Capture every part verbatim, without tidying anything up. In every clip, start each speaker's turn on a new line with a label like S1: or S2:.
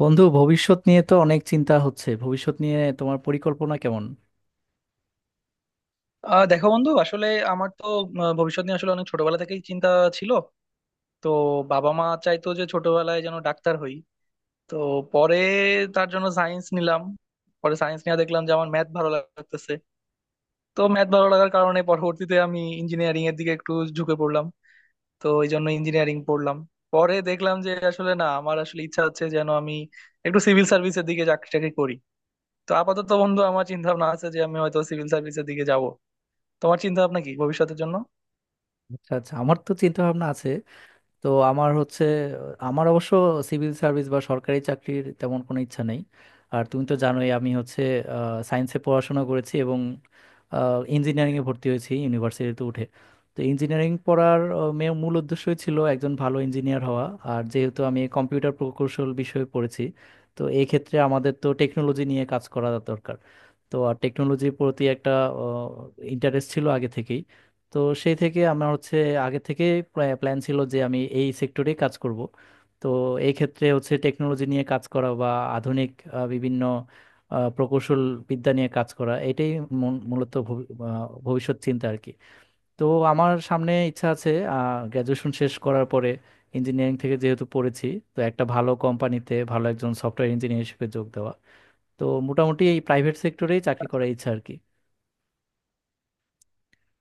S1: বন্ধু, ভবিষ্যৎ নিয়ে তো অনেক চিন্তা হচ্ছে। ভবিষ্যৎ নিয়ে তোমার পরিকল্পনা কেমন?
S2: আহ দেখো বন্ধু, আসলে আমার তো আহ, ভবিষ্যৎ নিয়ে আসলে অনেক ছোটবেলা থেকেই চিন্তা ছিল। তো বাবা মা চাইতো যে ছোটবেলায় যেন ডাক্তার হই। তো পরে তার জন্য সায়েন্স নিলাম। পরে সায়েন্স নিয়ে দেখলাম যে আমার ম্যাথ ভালো লাগতেছে। তো ম্যাথ ভালো লাগার কারণে পরবর্তীতে আমি ইঞ্জিনিয়ারিং এর দিকে একটু ঝুঁকে পড়লাম। তো এই জন্য ইঞ্জিনিয়ারিং পড়লাম। পরে দেখলাম যে আসলে না, আমার আসলে ইচ্ছা হচ্ছে যেন আমি একটু সিভিল সার্ভিসের দিকে চাকরি টাকরি করি। তো আপাতত বন্ধু আমার চিন্তা ভাবনা আছে যে আমি হয়তো সিভিল সার্ভিসের দিকে যাব। তোমার চিন্তা ভাবনা কি ভবিষ্যতের জন্য?
S1: আচ্ছা আচ্ছা, আমার তো চিন্তা ভাবনা আছে। তো আমার হচ্ছে, আমার অবশ্য সিভিল সার্ভিস বা সরকারি চাকরির তেমন কোনো ইচ্ছা নেই। আর তুমি তো জানোই আমি হচ্ছে সায়েন্সে পড়াশোনা করেছি এবং ইঞ্জিনিয়ারিংয়ে ভর্তি হয়েছি ইউনিভার্সিটিতে উঠে। তো ইঞ্জিনিয়ারিং পড়ার আহ, মে- মূল উদ্দেশ্যই ছিল একজন ভালো ইঞ্জিনিয়ার হওয়া। আর যেহেতু আমি কম্পিউটার প্রকৌশল বিষয়ে পড়েছি, তো এই ক্ষেত্রে আমাদের তো টেকনোলজি নিয়ে কাজ করা দরকার। তো আর টেকনোলজির প্রতি একটা ইন্টারেস্ট ছিল আগে থেকেই। তো সেই থেকে আমার হচ্ছে আগে থেকে প্ল্যান ছিল যে আমি এই সেক্টরে কাজ করব। তো এই ক্ষেত্রে হচ্ছে টেকনোলজি নিয়ে কাজ করা বা আধুনিক আহ, বিভিন্ন আহ, প্রকৌশল বিদ্যা নিয়ে কাজ করা, এটাই মূল- মূলত ভবি- আহ, ভবিষ্যৎ চিন্তা আর কি। তো আমার সামনে ইচ্ছা আছে গ্র্যাজুয়েশন শেষ করার পরে, ইঞ্জিনিয়ারিং থেকে যেহেতু পড়েছি, তো একটা ভালো কোম্পানিতে ভালো একজন সফটওয়্যার ইঞ্জিনিয়ার হিসেবে যোগ দেওয়া। তো মোটামুটি এই প্রাইভেট সেক্টরেই চাকরি
S2: আচ্ছা।
S1: করার ইচ্ছা আর কি।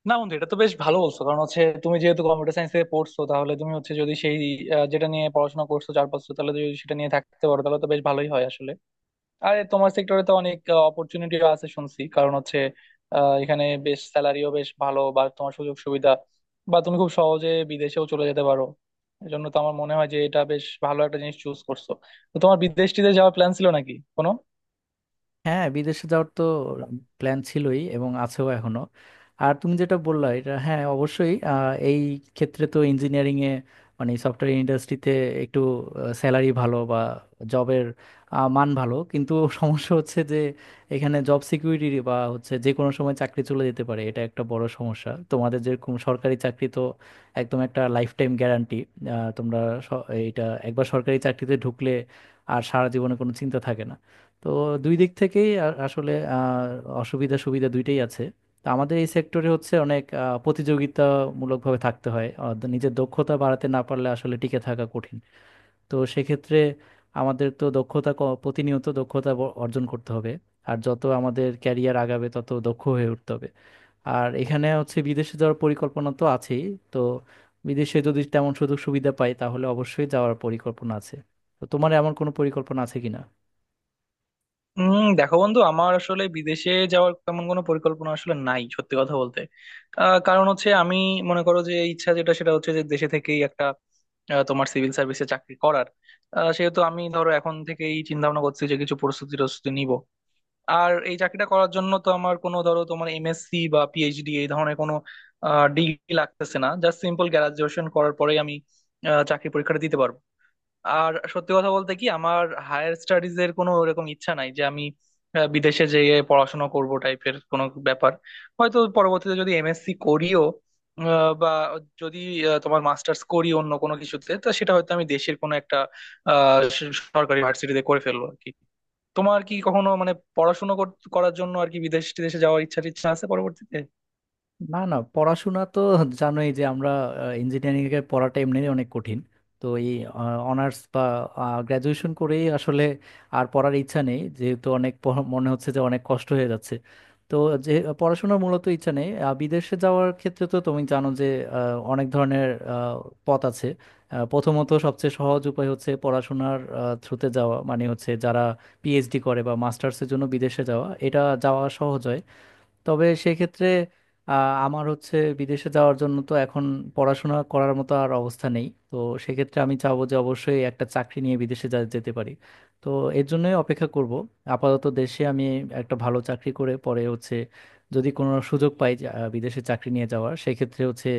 S2: না বন্ধু, এটা তো বেশ ভালো বলছো, কারণ হচ্ছে তুমি যেহেতু কম্পিউটার সায়েন্সে পড়ছো, তাহলে তুমি হচ্ছে যদি সেই আহ, যেটা নিয়ে পড়াশোনা করছো চার বছর, তাহলে যদি সেটা নিয়ে থাকতে পারো তাহলে তো বেশ ভালোই হয় আসলে। আর তোমার সেক্টরে তো অনেক অপরচুনিটি আছে শুনছি, কারণ হচ্ছে আহ, এখানে বেশ স্যালারিও বেশ ভালো বা তোমার সুযোগ সুবিধা বা তুমি খুব সহজে বিদেশেও চলে যেতে পারো। এজন্য তো আমার মনে হয় যে এটা বেশ ভালো একটা জিনিস চুজ করছো। তো তোমার বিদেশ টিদেশ যাওয়ার প্ল্যান ছিল নাকি কোনো?
S1: হ্যাঁ, বিদেশে যাওয়ার তো প্ল্যান ছিলই এবং আছেও এখনো। আর তুমি যেটা বললা, এটা হ্যাঁ অবশ্যই। আহ, এই ক্ষেত্রে তো ইঞ্জিনিয়ারিং এ, মানে সফটওয়্যার ইন্ডাস্ট্রিতে একটু স্যালারি ভালো বা জবের মান ভালো, কিন্তু সমস্যা হচ্ছে যে এখানে জব সিকিউরিটি বা হচ্ছে যে কোনো সময় চাকরি চলে যেতে পারে, এটা একটা বড় সমস্যা। তোমাদের যেরকম সরকারি চাকরি তো একদম একটা লাইফ টাইম গ্যারান্টি। তোমরা স- এইটা একবার সরকারি চাকরিতে ঢুকলে আর সারা জীবনে কোনো চিন্তা থাকে না। তো দুই দিক থেকেই আ- আসলে আহ, অসুবিধা সুবিধা দুইটাই আছে। তো আমাদের এই সেক্টরে হচ্ছে অনেক আহ, প্রতিযোগিতামূলকভাবে থাকতে হয়। আহ, দ- নিজের দক্ষতা বাড়াতে না পারলে আসলে টিকে থাকা কঠিন। তো সেক্ষেত্রে আমাদের তো দক্ষতা ক- প্রতিনিয়ত দক্ষতা ব- অর্জন করতে হবে। আর যত আমাদের ক্যারিয়ার আগাবে তত দক্ষ হয়ে উঠতে হবে। আর এখানে হচ্ছে বিদেশে যাওয়ার পরিকল্পনা তো আছেই। তো বিদেশে যদি তেমন সুযোগ সুবিধা পাই তাহলে অবশ্যই যাওয়ার পরিকল্পনা আছে। তো তোমার এমন কোনো পরিকল্পনা আছে কিনা?
S2: উম দেখো বন্ধু, আমার আসলে বিদেশে যাওয়ার তেমন কোনো পরিকল্পনা আসলে নাই, সত্যি কথা বলতে। আহ, কারণ হচ্ছে আমি মনে করো যে ইচ্ছা যেটা সেটা হচ্ছে যে দেশে থেকেই একটা আহ, তোমার সিভিল সার্ভিসে চাকরি করার, আহ, সেহেতু আমি ধরো এখন থেকেই চিন্তা ভাবনা করছি যে কিছু প্রস্তুতি টস্তুতি নিব। আর এই চাকরিটা করার জন্য তো আমার কোনো ধরো তোমার এমএসসি বা পিএইচডি এই ধরনের কোনো ডিগ্রি লাগতেছে না, জাস্ট সিম্পল গ্রাজুয়েশন করার পরেই আমি আহ, চাকরি পরীক্ষাটা দিতে পারবো। আর সত্যি কথা বলতে কি, আমার হায়ার স্টাডিজ এর কোনো ওরকম ইচ্ছা নাই যে আমি আহ, বিদেশে যেয়ে পড়াশোনা করব টাইপের কোনো ব্যাপার। হয়তো পরবর্তীতে যদি এমএসসি করিও, আহ, বা যদি আহ, তোমার মাস্টার্স করি অন্য কোনো কিছুতে, তো সেটা হয়তো আমি দেশের কোনো একটা আহ, স- সরকারি ভার্সিটিতে করে ফেলবো আর কি। তোমার কি কখনো মানে পড়াশোনা কর- করার জন্য আর কি বিদেশ টিদেশে যাওয়ার ইচ্ছা টিচ্ছা আছে পরবর্তীতে?
S1: না না, পড়াশোনা তো জানোই যে আমরা ইঞ্জিনিয়ারিং এর পড়াটা এমনি অনেক কঠিন। তো এই অনার্স বা গ্রাজুয়েশন করেই আসলে আর পড়ার ইচ্ছা নেই, যেহেতু অনেক পড়া- মনে হচ্ছে যে অনেক কষ্ট হয়ে যাচ্ছে। তো যে পড়াশোনার মূলত ইচ্ছা নেই। আহ, বিদেশে যাওয়ার ক্ষেত্রে তো তুমি জানো যে আহ, অনেক ধরনের আহ, পথ আছে। আহ, প্রথমত সবচেয়ে সহজ উপায় হচ্ছে পড়াশোনার থ্রুতে যাওয়া, মানে হচ্ছে যারা পিএইচডি করে বা মাস্টার্সের জন্য বিদেশে যাওয়া, এটা যাওয়া সহজ হয়। তবে সেক্ষেত্রে আহ, আমার হচ্ছে বিদেশে যাওয়ার জন্য তো এখন পড়াশোনা করার মতো আর অবস্থা নেই। তো সেক্ষেত্রে আমি চাবো যে অবশ্যই একটা চাকরি নিয়ে বিদেশে যা- যেতে পারি। তো এর জন্যই অপেক্ষা করব। আপাতত দেশে আমি একটা ভালো চাকরি করে পরে হচ্ছে যদি কোনো সুযোগ পাই যে, আহ, বিদেশে চাকরি নিয়ে যাওয়ার, সেক্ষেত্রে হচ্ছে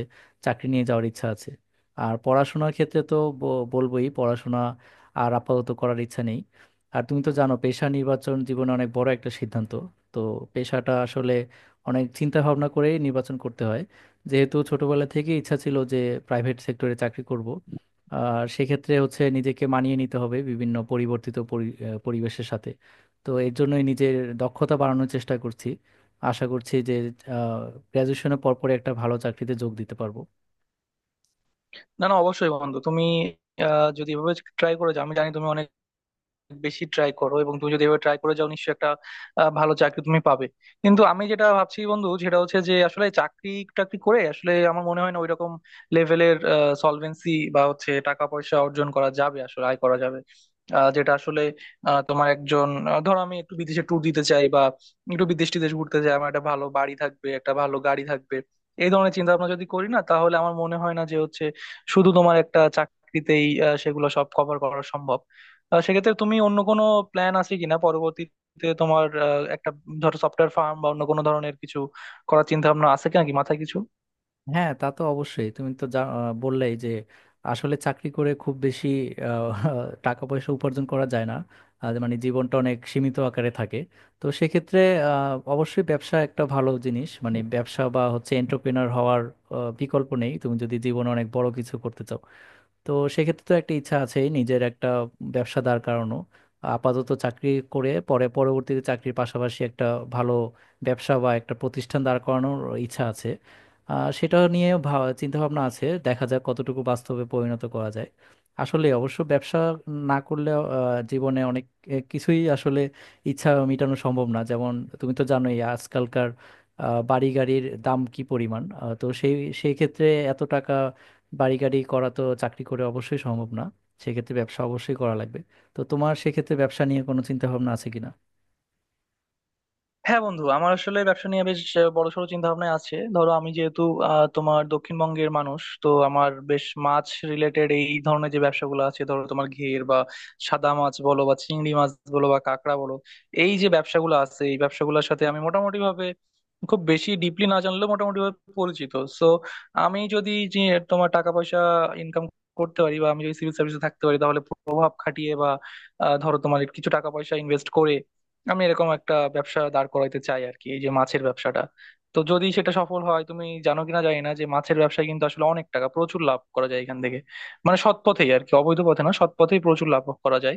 S1: চাকরি নিয়ে যাওয়ার ইচ্ছা আছে। আর পড়াশোনার ক্ষেত্রে তো ব- বলবোই পড়াশোনা আর আপাতত করার ইচ্ছা নেই। আর তুমি তো জানো, পেশা নির্বাচন জীবনে অনেক বড় একটা সিদ্ধান্ত। তো পেশাটা আসলে অনেক চিন্তা ভাবনা করে নির্বাচন করতে হয়। যেহেতু ছোটবেলা থেকে ইচ্ছা ছিল যে প্রাইভেট সেক্টরে চাকরি করব, আর সেক্ষেত্রে হচ্ছে নিজেকে মানিয়ে নিতে হবে বিভিন্ন পরিবর্তিত পরি- আহ, পরিবেশের সাথে। তো এর জন্যই নিজের দক্ষতা বাড়ানোর চেষ্টা করছি। আশা করছি যে গ্র্যাজুয়েশনের পরপরে একটা ভালো চাকরিতে যোগ দিতে পারবো।
S2: না না অবশ্যই বন্ধু, তুমি আহ, যদি এভাবে ট্রাই করে যাও, আমি জানি তুমি অনেক বেশি ট্রাই করো, এবং তুমি যদি এভাবে ট্রাই করে যাও নিশ্চয়ই একটা আহ, ভালো চাকরি তুমি পাবে। কিন্তু আমি যেটা ভাবছি বন্ধু সেটা হচ্ছে যে আসলে চাকরি টাকরি করে আসলে আমার মনে হয় না ওইরকম লেভেলের সলভেন্সি বা হচ্ছে টাকা পয়সা অর্জন করা যাবে, আসলে আয় করা যাবে আহ, যেটা আসলে, আহ, তোমার একজন আহ, ধরো আমি একটু বিদেশে ট্যুর দিতে চাই বা একটু বিদেশ টিদেশ ঘুরতে চাই, আমার একটা ভালো বাড়ি থাকবে, একটা ভালো গাড়ি থাকবে। এই ধরনের চিন্তা ভাবনা যদি করি না, তাহলে আমার মনে হয় না যে হচ্ছে শুধু তোমার একটা চাকরিতেই আহ, সেগুলো সব কভার করা সম্ভব। আহ সেক্ষেত্রে তুমি অন্য কোনো প্ল্যান আছে কিনা পরবর্তীতে, তোমার আহ, একটা ধরো সফটওয়্যার ফার্ম বা অন্য কোনো ধরনের কিছু করার চিন্তা ভাবনা আছে কিনা, কি মাথায় কিছু?
S1: হ্যাঁ তা তো অবশ্যই, তুমি তো যা আহ, বললেই যে আসলে চাকরি করে খুব বেশি আহ, টাকা পয়সা উপার্জন করা যায় না। আহ, মানে জীবনটা অনেক সীমিত আকারে থাকে। তো সেক্ষেত্রে আহ, অবশ্যই ব্যবসা একটা ভালো জিনিস, মানে ব্যবসা বা হচ্ছে এন্টারপ্রেনার হওয়ার আহ, বিকল্প নেই তুমি যদি জীবনে অনেক বড় কিছু করতে চাও। তো সেক্ষেত্রে তো একটা ইচ্ছা আছে নিজের একটা ব্যবসা দাঁড় করানো। আপাতত চাকরি করে পরে পরবর্তীতে চাকরির পাশাপাশি একটা ভালো ব্যবসা বা একটা প্রতিষ্ঠান দাঁড় করানোর ইচ্ছা আছে। আহ, সেটা নিয়ে ভাব- চিন্তাভাবনা আছে, দেখা যাক কতটুকু বাস্তবে পরিণত করা যায়। আসলে অবশ্য ব্যবসা না করলে জীবনে অনেক আহ, কিছুই আসলে ইচ্ছা মেটানো সম্ভব না। যেমন তুমি তো জানোই আজকালকার আহ, বাড়ি গাড়ির দাম কি পরিমাণ। আহ, তো সেই সেই ক্ষেত্রে এত টাকা বাড়ি গাড়ি করা তো চাকরি করে অবশ্যই সম্ভব না। সেক্ষেত্রে ব্যবসা অবশ্যই করা লাগবে। তো তোমার সেক্ষেত্রে ব্যবসা নিয়ে কোনো চিন্তা ভাবনা আছে কিনা?
S2: হ্যাঁ বন্ধু, আমার আসলে ব্যবসা নিয়ে বেশ বড়সড় চিন্তা ভাবনা আছে। ধরো আমি যেহেতু আহ, তোমার দক্ষিণবঙ্গের মানুষ, তো আমার বেশ মাছ রিলেটেড এই ধরনের যে ব্যবসাগুলো আছে, ধরো তোমার ঘের বা সাদা মাছ বলো বা চিংড়ি মাছ বলো বা কাঁকড়া বলো, এই যে ব্যবসাগুলো আছে এই ব্যবসাগুলোর সাথে আমি মোটামুটি ভাবে, খুব বেশি ডিপলি না জানলেও মোটামুটি ভাবে পরিচিত। সো আমি যদি যে তোমার টাকা পয়সা ইনকাম করতে পারি বা আমি যদি সিভিল সার্ভিসে থাকতে পারি, তাহলে প্রভাব খাটিয়ে বা আহ, ধরো তোমার কিছু টাকা পয়সা ইনভেস্ট করে আমি এরকম একটা ব্যবসা দাঁড় করাইতে চাই আর কি, এই যে মাছের ব্যবসাটা। তো যদি সেটা সফল হয়, তুমি জানো কিনা জানি না যে মাছের ব্যবসায় কিন্তু আসলে অনেক টাকা, প্রচুর লাভ করা যায় এখান থেকে। মানে সৎ পথেই আর কি, অবৈধ পথে না, সৎ পথেই প্রচুর লাভ করা যায়।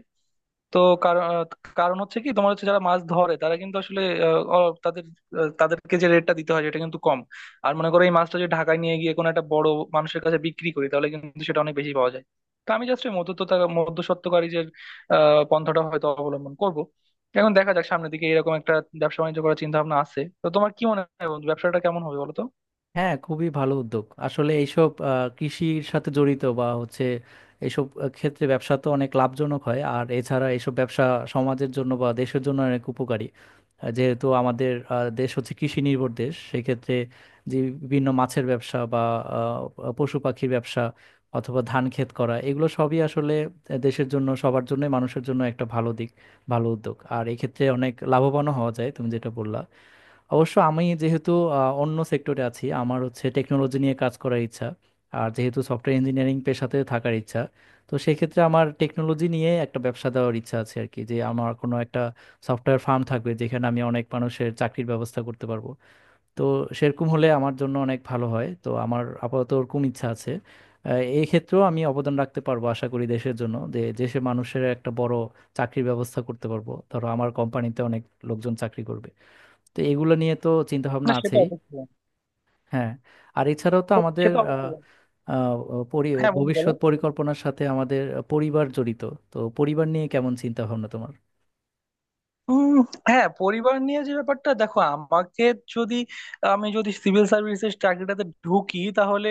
S2: তো কারণ, কারণ হচ্ছে কি তোমার হচ্ছে যারা মাছ ধরে তারা কিন্তু আসলে আহ, অ- তাদের, আহ, তাদেরকে যে রেটটা দিতে হয় সেটা কিন্তু কম। আর মনে করো এই মাছটা যদি ঢাকায় নিয়ে গিয়ে কোনো একটা বড় মানুষের কাছে বিক্রি করি, তাহলে কিন্তু সেটা অনেক বেশি পাওয়া যায়। তো আমি জাস্ট মধ্যস্থতা, মধ্যস্বত্বকারীদের আহ পন্থাটা হয়তো অবলম্বন করব। এখন দেখা যাক সামনের দিকে, এরকম একটা ব্যবসা বাণিজ্য করার চিন্তা ভাবনা আছে। তো তোমার কি মনে হয় বন্ধু, ব্যবসাটা কেমন হবে বলো তো?
S1: হ্যাঁ, খুবই ভালো উদ্যোগ আসলে এইসব আহ, কৃষির সাথে জড়িত বা হচ্ছে এইসব আহ, ক্ষেত্রে ব্যবসা তো অনেক লাভজনক হয়। আর এছাড়া এইসব ব্যবসা সমাজের জন্য বা দেশের জন্য অনেক উপকারী। আহ, যেহেতু আমাদের আহ, দেশ হচ্ছে কৃষি নির্ভর দেশ, সেক্ষেত্রে যে বিভিন্ন মাছের ব্যবসা বা আহ, পশু পাখির ব্যবসা অথবা ধান ক্ষেত করা, এগুলো সবই আসলে দেশের জন্য, সবার জন্য, মানুষের জন্য একটা ভালো দিক, ভালো উদ্যোগ। আর এক্ষেত্রে অনেক লাভবানও হওয়া যায়, তুমি যেটা বললা। অবশ্য আমি যেহেতু আহ, অন্য সেক্টরে আছি, আমার হচ্ছে টেকনোলজি নিয়ে কাজ করার ইচ্ছা আর যেহেতু সফটওয়্যার ইঞ্জিনিয়ারিং পেশাতে থাকার ইচ্ছা, তো সেক্ষেত্রে আমার টেকনোলজি নিয়ে একটা ব্যবসা দেওয়ার ইচ্ছা আছে আর কি। যে আমার কোনো একটা সফটওয়্যার ফার্ম থাকবে যেখানে আমি অনেক মানুষের চাকরির ব্যবস্থা করতে পারবো। তো সেরকম হলে আমার জন্য অনেক ভালো হয়। তো আমার আপাতত ওরকম ইচ্ছা আছে। আহ, এই ক্ষেত্রেও আমি অবদান রাখতে পারবো আশা করি দেশের জন্য, যে দেশের মানুষের একটা বড় চাকরির ব্যবস্থা করতে পারবো। ধরো আমার কোম্পানিতে অনেক লোকজন চাকরি করবে, তো এগুলো নিয়ে তো চিন্তা ভাবনা
S2: না সেটা
S1: আছেই।
S2: অবশ্যই।
S1: হ্যাঁ, আর এছাড়াও তো
S2: সে
S1: আমাদের
S2: তো
S1: আহ,
S2: অবশ্যই।
S1: আহ, পরি-
S2: হ্যাঁ বন্ধু বলো।
S1: ভবিষ্যৎ পরিকল্পনার সাথে আমাদের পরিবার জড়িত। তো পরিবার নিয়ে কেমন চিন্তা ভাবনা তোমার?
S2: উম, হ্যাঁ, পরিবার নিয়ে যে ব্যাপারটা, দেখো আমাকে যদি, আমি যদি সিভিল সার্ভিসের চাকরিটাতে ঢুকি, তাহলে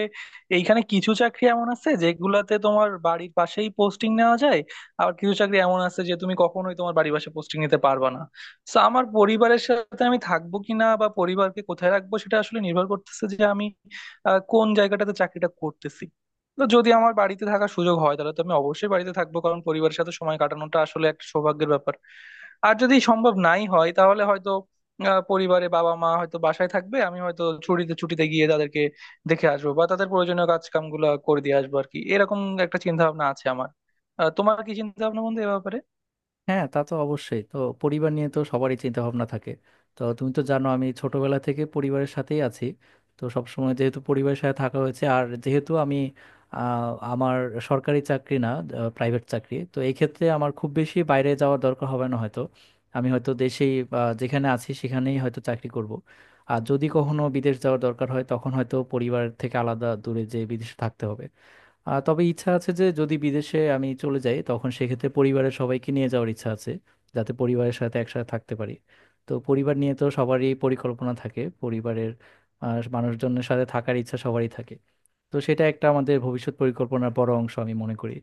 S2: এইখানে কিছু চাকরি এমন আছে যেগুলাতে তোমার বাড়ির পাশেই পোস্টিং নেওয়া যায়। আবার কিছু চাকরি এমন আছে যে তুমি কখনোই তোমার বাড়ির পাশে পোস্টিং নিতে পারবে না। তো আমার পরিবারের সাথে আমি থাকবো কিনা বা পরিবারকে কোথায় রাখবো, সেটা আসলে নির্ভর করতেছে যে আমি আহ, কোন জায়গাটাতে চাকরিটা করতেছি। তো যদি আমার বাড়িতে থাকার সুযোগ হয়, তাহলে তো আমি অবশ্যই বাড়িতে থাকবো, কারণ পরিবারের সাথে সময় কাটানোটা আসলে একটা সৌভাগ্যের ব্যাপার। আর যদি সম্ভব নাই হয়, তাহলে হয়তো আহ, পরিবারে বাবা মা হয়তো বাসায় থাকবে, আমি হয়তো ছুটিতে ছুটিতে গিয়ে তাদেরকে দেখে আসবো বা তাদের প্রয়োজনীয় কাজ কামগুলো করে দিয়ে আসবো আর কি, এরকম একটা চিন্তা ভাবনা আছে আমার। আহ, তোমার কি চিন্তা ভাবনা বন্ধু এ ব্যাপারে?
S1: হ্যাঁ তা তো অবশ্যই তো, পরিবার নিয়ে তো সবারই চিন্তা ভাবনা থাকে। তো তুমি তো জানো আমি ছোটবেলা থেকে পরিবারের সাথেই আছি। তো সবসময় যেহেতু পরিবারের সাথে থাকা হয়েছে, আর যেহেতু আমি আহ, আমার সরকারি চাকরি না, প্রাইভেট চাকরি, তো এই ক্ষেত্রে আমার খুব বেশি বাইরে যাওয়ার দরকার হবে না হয়তো। আমি হয়তো দেশেই বা যেখানে আছি সেখানেই হয়তো চাকরি করব। আর যদি কখনো বিদেশ যাওয়ার দরকার হয়, তখন হয়তো পরিবার থেকে আলাদা দূরে যে বিদেশে থাকতে হবে। আহ, তবে ইচ্ছা আছে যে যদি বিদেশে আমি চলে যাই, তখন সেক্ষেত্রে পরিবারের সবাইকে নিয়ে যাওয়ার ইচ্ছা আছে, যাতে পরিবারের সাথে একসাথে থাকতে পারি। তো পরিবার নিয়ে তো সবারই পরিকল্পনা থাকে, পরিবারের আহ, মানুষজনের সাথে থাকার ইচ্ছা সবারই থাকে। তো সেটা একটা আমাদের ভবিষ্যৎ পরিকল্পনার বড় অংশ আমি মনে করি।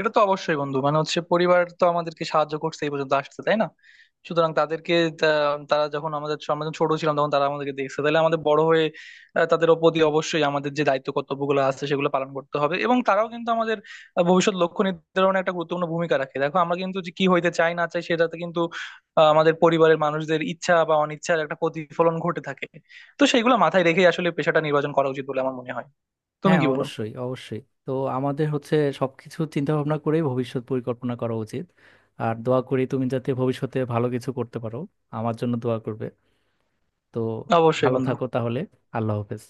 S2: এটা তো অবশ্যই বন্ধু, মানে হচ্ছে পরিবার তো আমাদেরকে সাহায্য করছে এই পর্যন্ত আসতে, তাই না? সুতরাং তাদেরকে তা- তারা যখন আমাদের ছ- আমরা যখন ছোট ছিলাম তখন তারা আমাদেরকে দেখছে, তাহলে আমাদের বড় হয়ে আহ, তাদের প্রতি অবশ্যই আমাদের যে দায়িত্ব কর্তব্যগুলো আছে সেগুলো পালন করতে হবে। এবং তারাও কিন্তু আমাদের আহ, ভবিষ্যৎ লক্ষ্য নির্ধারণে একটা গুরুত্বপূর্ণ ভূমিকা রাখে। দেখো আমরা কিন্তু যে কি হইতে চাই না চাই সেটাতে কিন্তু আহ, আমাদের পরিবারের মানুষদের ইচ্ছা বা অনিচ্ছার একটা প্রতিফলন ঘটে থাকে। তো সেইগুলো মাথায় রেখেই আসলে পেশাটা নির্বাচন করা উচিত বলে আমার মনে হয়। তুমি
S1: হ্যাঁ
S2: কি বলো?
S1: অবশ্যই অবশ্যই তো, আমাদের হচ্ছে সবকিছু চিন্তা ভাবনা করেই ভবিষ্যৎ পরিকল্পনা করা উচিত। আর দোয়া করি তুমি যাতে ভবিষ্যতে ভালো কিছু করতে পারো। আমার জন্য দোয়া করবে। তো
S2: অবশ্যই
S1: ভালো
S2: বন্ধু।
S1: থাকো তাহলে। আল্লাহ হাফেজ।